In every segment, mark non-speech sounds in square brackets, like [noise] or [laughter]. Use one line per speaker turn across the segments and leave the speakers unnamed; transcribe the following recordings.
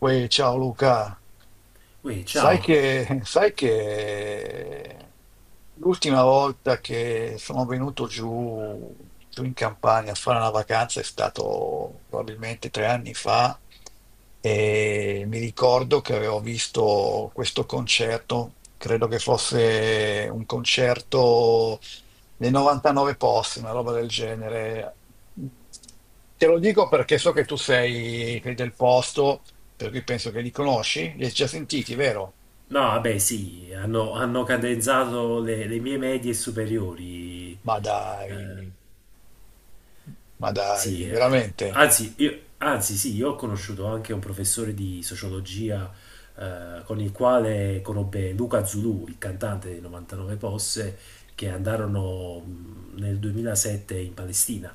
Poi, ciao Luca,
Ui,
sai
ciao.
che, sai che l'ultima volta che sono venuto giù, giù in Campania a fare una vacanza è stato probabilmente 3 anni fa e mi ricordo che avevo visto questo concerto, credo che fosse un concerto nei 99 posti, una roba del genere. Te lo dico perché so che tu sei del posto, per cui penso che li conosci, li hai già sentiti, vero?
No, vabbè, sì, hanno cadenzato le mie medie superiori.
Ma
Eh,
dai, ma dai,
sì, eh.
veramente?
Anzi, sì, io ho conosciuto anche un professore di sociologia con il quale conobbe Luca Zulù, il cantante dei 99 Posse, che andarono nel 2007 in Palestina.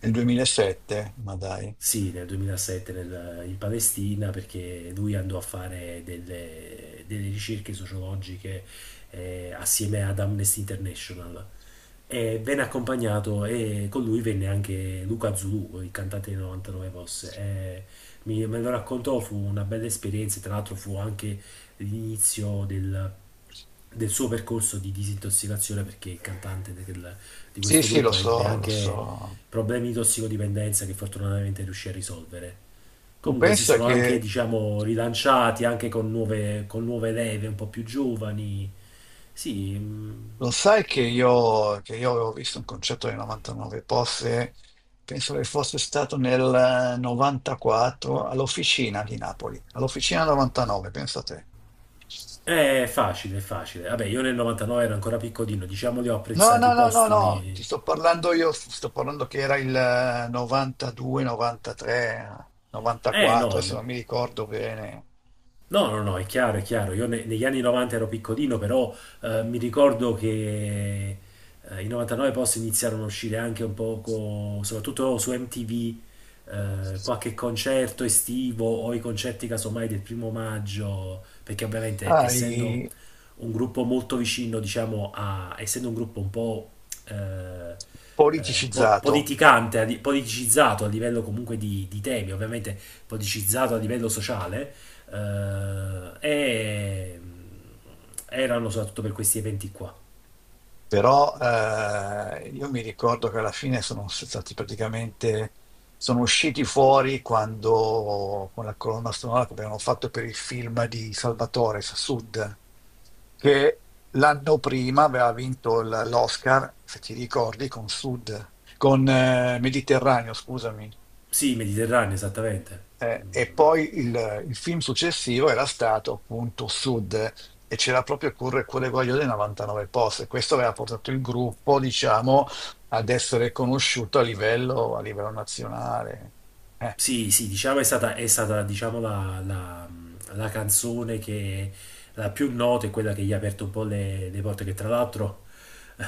Nel 2007? Ma dai.
Sì, nel 2007 in Palestina perché lui andò a fare delle ricerche sociologiche assieme ad Amnesty International e venne accompagnato e con lui venne anche Luca Zulu, il cantante dei 99 Posse. E me lo raccontò, fu una bella esperienza, tra l'altro fu anche l'inizio del suo percorso di disintossicazione perché il cantante di
Sì,
questo
sì, lo
gruppo ebbe
so, lo
anche
so.
problemi di tossicodipendenza che fortunatamente riuscì a risolvere.
Tu
Comunque si
pensa
sono anche,
che
diciamo, rilanciati anche con nuove leve un po' più giovani. Sì,
Lo sai che io avevo visto un concerto dei 99 Posse, penso che fosse stato nel 94 all'Officina di Napoli, all'Officina 99, pensa te.
è facile, è facile. Vabbè, io nel 99 ero ancora piccolino, diciamo li ho
No, no,
apprezzati
no, no, no,
postumi.
ti sto parlando io, sto parlando che era il 92, 93,
Eh
94,
no,
adesso non mi ricordo bene.
no, no, no, è chiaro, è chiaro. Io negli anni 90 ero piccolino, però mi ricordo che i 99 post iniziarono a uscire anche un poco, soprattutto su MTV, qualche concerto estivo o i concerti casomai del primo maggio, perché ovviamente essendo
Sai,
un gruppo molto vicino, diciamo, a, essendo un gruppo un po' eh,
politicizzato.
politicante, politicizzato a livello comunque di temi, ovviamente politicizzato a livello sociale, e erano soprattutto per questi eventi qua.
Però io mi ricordo che alla fine sono stati praticamente, sono usciti fuori quando, con la colonna sonora che abbiamo fatto per il film di Salvatore Sud, che l'anno prima aveva vinto l'Oscar, se ti ricordi, con Sud, con Mediterraneo, scusami.
Sì, Mediterraneo, esattamente.
E
Mm.
poi il film successivo era stato appunto Sud e c'era proprio Curre Cuore Guaglio dei 99 post. E questo aveva portato il gruppo, diciamo, ad essere conosciuto a livello nazionale. Eh,
Sì, sì, diciamo è stata diciamo, la canzone che la più nota è quella che gli ha aperto un po' le porte, che tra l'altro [laughs]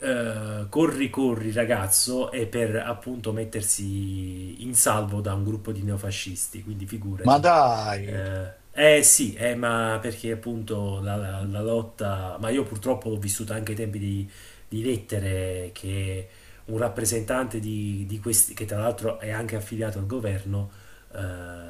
Corri Corri ragazzo è per appunto mettersi in salvo da un gruppo di neofascisti, quindi
ma
figurati.
dai,
Eh sì, ma perché appunto la lotta, ma io purtroppo l'ho vissuta anche ai tempi di Lettere, che un rappresentante di questi, che tra l'altro è anche affiliato al governo, eh,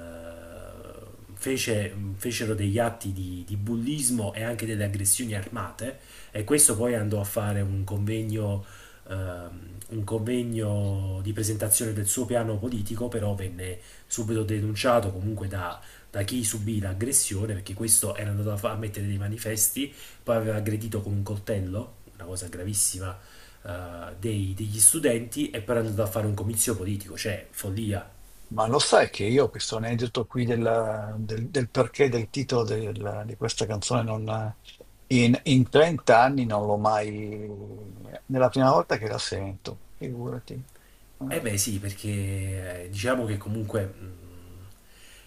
fecero degli atti di bullismo e anche delle aggressioni armate, e questo poi andò a fare ehm, un convegno di presentazione del suo piano politico, però venne subito denunciato comunque da chi subì l'aggressione, perché questo era andato a mettere dei manifesti, poi aveva aggredito con un coltello, una cosa gravissima, degli studenti e poi era andato a fare un comizio politico, cioè follia.
ma lo sai che io questo aneddoto qui del perché del titolo di questa canzone non, in 30 anni non l'ho mai. Nella prima volta che la sento, figurati. Eh.
Eh beh sì, perché diciamo che comunque mh,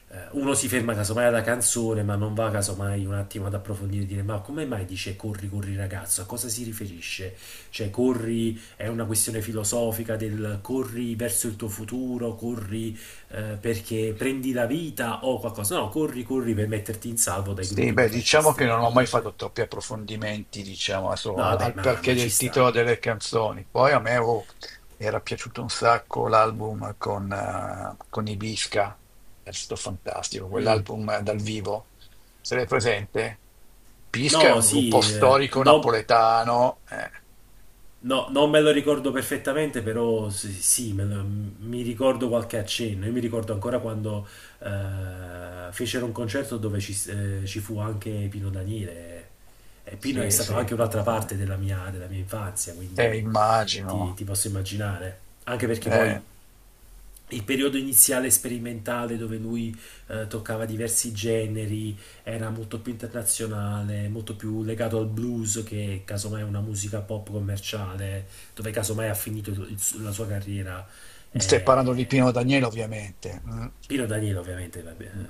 eh, uno si ferma casomai alla canzone, ma non va casomai un attimo ad approfondire e dire ma come mai dice corri, corri ragazzo? A cosa si riferisce? Cioè corri è una questione filosofica del corri verso il tuo futuro, corri perché prendi la vita o qualcosa. No, corri, corri per metterti in salvo dai
Sì,
gruppi
beh, diciamo che
neofascisti.
non ho mai fatto troppi approfondimenti, diciamo, adesso
No,
al,
vabbè,
al
ma,
perché
ma ci
del titolo
sta.
delle canzoni. Poi a me oh, era piaciuto un sacco l'album con Ibisca, è stato fantastico,
Mm.
quell'album dal vivo. Se l'hai presente? Pisca è
No,
un gruppo
sì,
storico
no,
napoletano.
no, non me lo ricordo perfettamente, però sì, sì, mi ricordo qualche accenno. Io mi ricordo ancora quando fecero un concerto dove ci fu anche Pino Daniele. E Pino è
Sì,
stato
sì,
anche
sì,
un'altra
sì.
parte della mia infanzia, quindi ti,
Immagino.
ti posso immaginare. Anche perché poi
Eh.
il periodo iniziale sperimentale dove lui toccava diversi generi, era molto più internazionale, molto più legato al blues che casomai è una musica pop commerciale, dove casomai ha finito la sua carriera.
Stai
Eh,
parlando di Pino Daniele, ovviamente. Mm.
Pino Daniele ovviamente, vabbè,
Mm.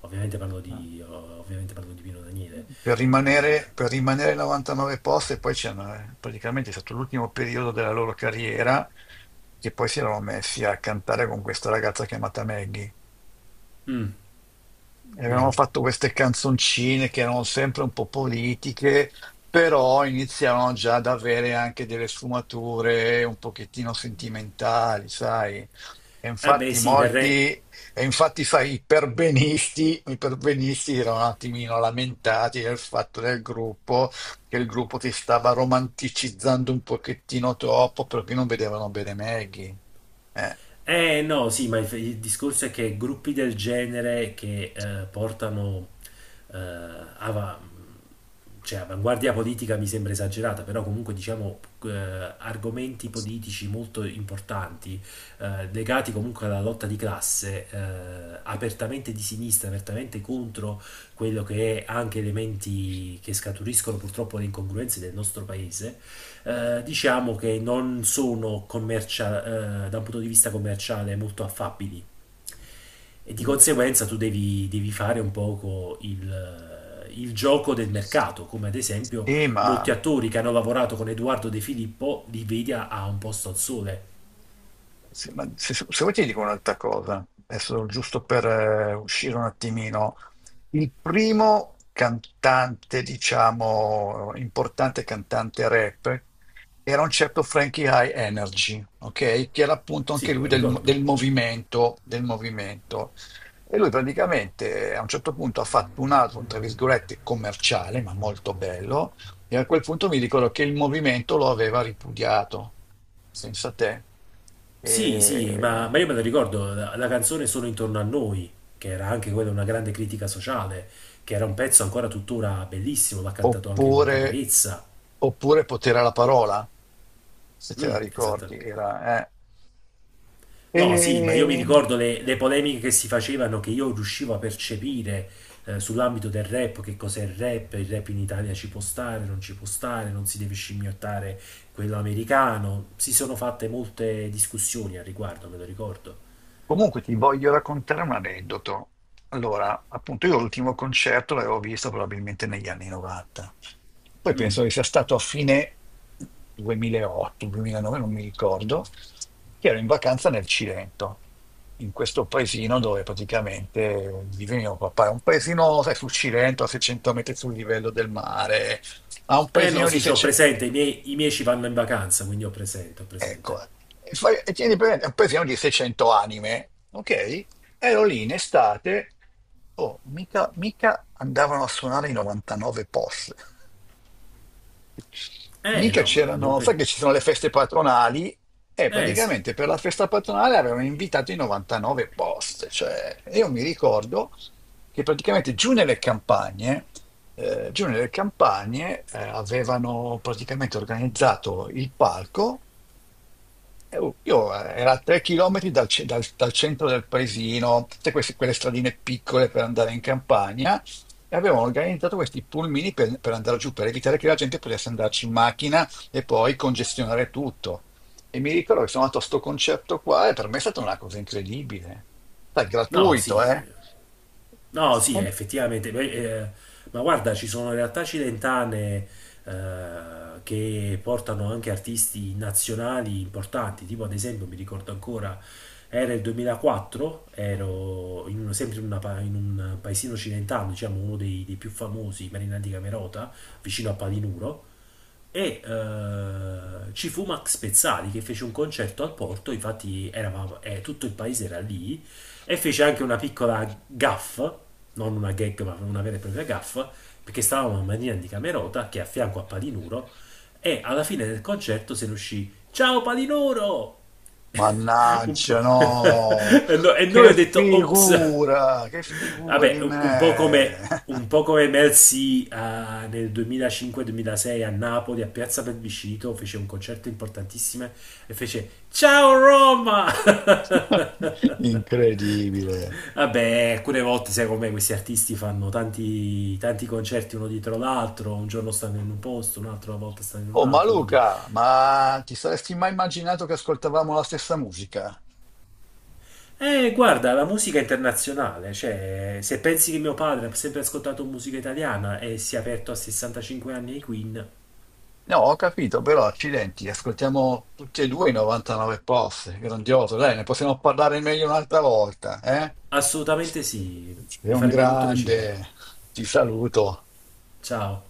Mm.
ovviamente parlo di Pino Daniele. Eh,
Per rimanere 99 posti, e poi c'è praticamente è stato l'ultimo periodo della loro carriera, che poi si erano messi a cantare con questa ragazza chiamata Maggie.
mm,
E avevamo
vero.
fatto queste canzoncine che erano sempre un po' politiche, però iniziavano già ad avere anche delle sfumature un pochettino sentimentali, sai? E
Eh beh
infatti
sì, per,
molti,
re-
e infatti, sai, i perbenisti erano un attimino lamentati del fatto del gruppo, che il gruppo si stava romanticizzando un pochettino troppo perché non vedevano bene Maggie. Eh.
Eh no, sì, ma il discorso è che gruppi del genere che portano eh, ava- cioè, avanguardia politica mi sembra esagerata, però comunque diciamo argomenti politici molto importanti legati comunque alla lotta di classe, apertamente di sinistra, apertamente contro quello che è anche elementi che scaturiscono purtroppo le incongruenze del nostro paese, diciamo che non sono da un punto di vista commerciale molto affabili e di
Mm.
conseguenza tu devi fare un poco il gioco del mercato, come ad esempio
Sì,
molti
ma
attori che hanno lavorato con Edoardo De Filippo li vedi a un posto al sole.
Se vuoi ti dico un'altra cosa, adesso giusto per uscire un attimino. Il primo cantante, diciamo, importante cantante rap era un certo Frankie High Energy, ok? Che era appunto
Sì,
anche
me
lui
lo
del
ricordo.
movimento, del movimento. E lui praticamente a un certo punto ha fatto un album, tra virgolette, commerciale, ma molto bello, e a quel punto mi ricordo che il movimento lo aveva ripudiato, senza te.
Sì, sì,
E-
ma io me lo ricordo, la canzone Sono intorno a noi, che era anche quella una grande critica sociale, che era un pezzo ancora tuttora bellissimo, l'ha cantato anche con
Oppure,
Caparezza.
oppure potere alla parola, se te la
Mm, esatto.
ricordi, era...
No, sì, ma io mi
E...
ricordo le polemiche che si facevano, che io riuscivo a percepire sull'ambito del rap, che cos'è il rap in Italia ci può stare, non ci può stare, non si deve scimmiottare quello americano. Si sono fatte molte discussioni al riguardo, me lo ricordo.
Comunque ti voglio raccontare un aneddoto. Allora, appunto, io l'ultimo concerto l'avevo visto probabilmente negli anni 90. Poi
Mm.
penso che sia stato a fine 2008, 2009, non mi ricordo, che ero in vacanza nel Cilento, in questo paesino dove praticamente vive mio papà. È un paesino, sai, sul Cilento, a 600 metri sul livello del mare, ha un
Eh no,
paesino di
sì, c'ho
600...
presente, i miei ci vanno in vacanza, quindi ho presente, ho
Ecco,
presente.
e tieni presente, poi siamo di 600 anime, ok? Ero lì in estate, oh, mica, mica andavano a suonare i 99 POS,
Eh
mica
no, ma non,
c'erano, sai che ci sono le feste patronali, e
eh sì,
praticamente per la festa patronale avevano invitato i 99 POS, cioè io mi ricordo che praticamente giù nelle campagne avevano praticamente organizzato il palco oh, io era a 3 chilometri dal centro del paesino, tutte queste, quelle stradine piccole per andare in campagna, e avevano organizzato questi pulmini per, andare giù, per evitare che la gente potesse andarci in macchina e poi congestionare tutto. E mi ricordo che sono andato a sto concerto qua e per me è stata una cosa incredibile. Sai,
no,
gratuito,
sì,
eh?
no, sì,
E-
effettivamente. Beh, ma guarda, ci sono realtà cilentane che portano anche artisti nazionali importanti, tipo ad esempio, mi ricordo ancora, era il 2004, ero in uno- sempre in, una pa- in un paesino cilentano, diciamo uno dei più famosi, Marina di Camerota, vicino a Palinuro, e ci fu Max Pezzali che fece un concerto al porto, infatti eravamo, tutto il paese era lì, e fece anche una piccola gaffa, non una gag ma una vera e propria gaffa, perché stavamo a Marina di Camerota, che è a fianco a Palinuro, e alla fine del concerto se ne uscì "Ciao Palinuro!" [laughs] [laughs] Un po'.
Mannaggia, no!
E e noi ho detto, ops.
Che figura
Vabbè,
di me!
un
[laughs]
po' come Mercy nel 2005-2006 a Napoli, a Piazza Plebiscito, fece un concerto importantissimo e fece "Ciao Roma!"
[laughs]
[laughs]
Incredibile.
Vabbè, alcune volte, sai com'è, questi artisti fanno tanti, tanti concerti uno dietro l'altro, un giorno stanno in un posto, un'altra volta stanno in un
Oh, ma
altro, quindi.
Luca, ma ti saresti mai immaginato che ascoltavamo la stessa musica?
Guarda, la musica internazionale, cioè, se pensi che mio padre ha sempre ascoltato musica italiana e si è aperto a 65 anni ai Queen.
No, ho capito, però accidenti, ascoltiamo tutti e due i 99 post, grandioso, dai, ne possiamo parlare meglio un'altra volta, eh?
Assolutamente sì,
Sei
mi
un
farebbe molto
grande,
piacere.
ti saluto.
Ciao.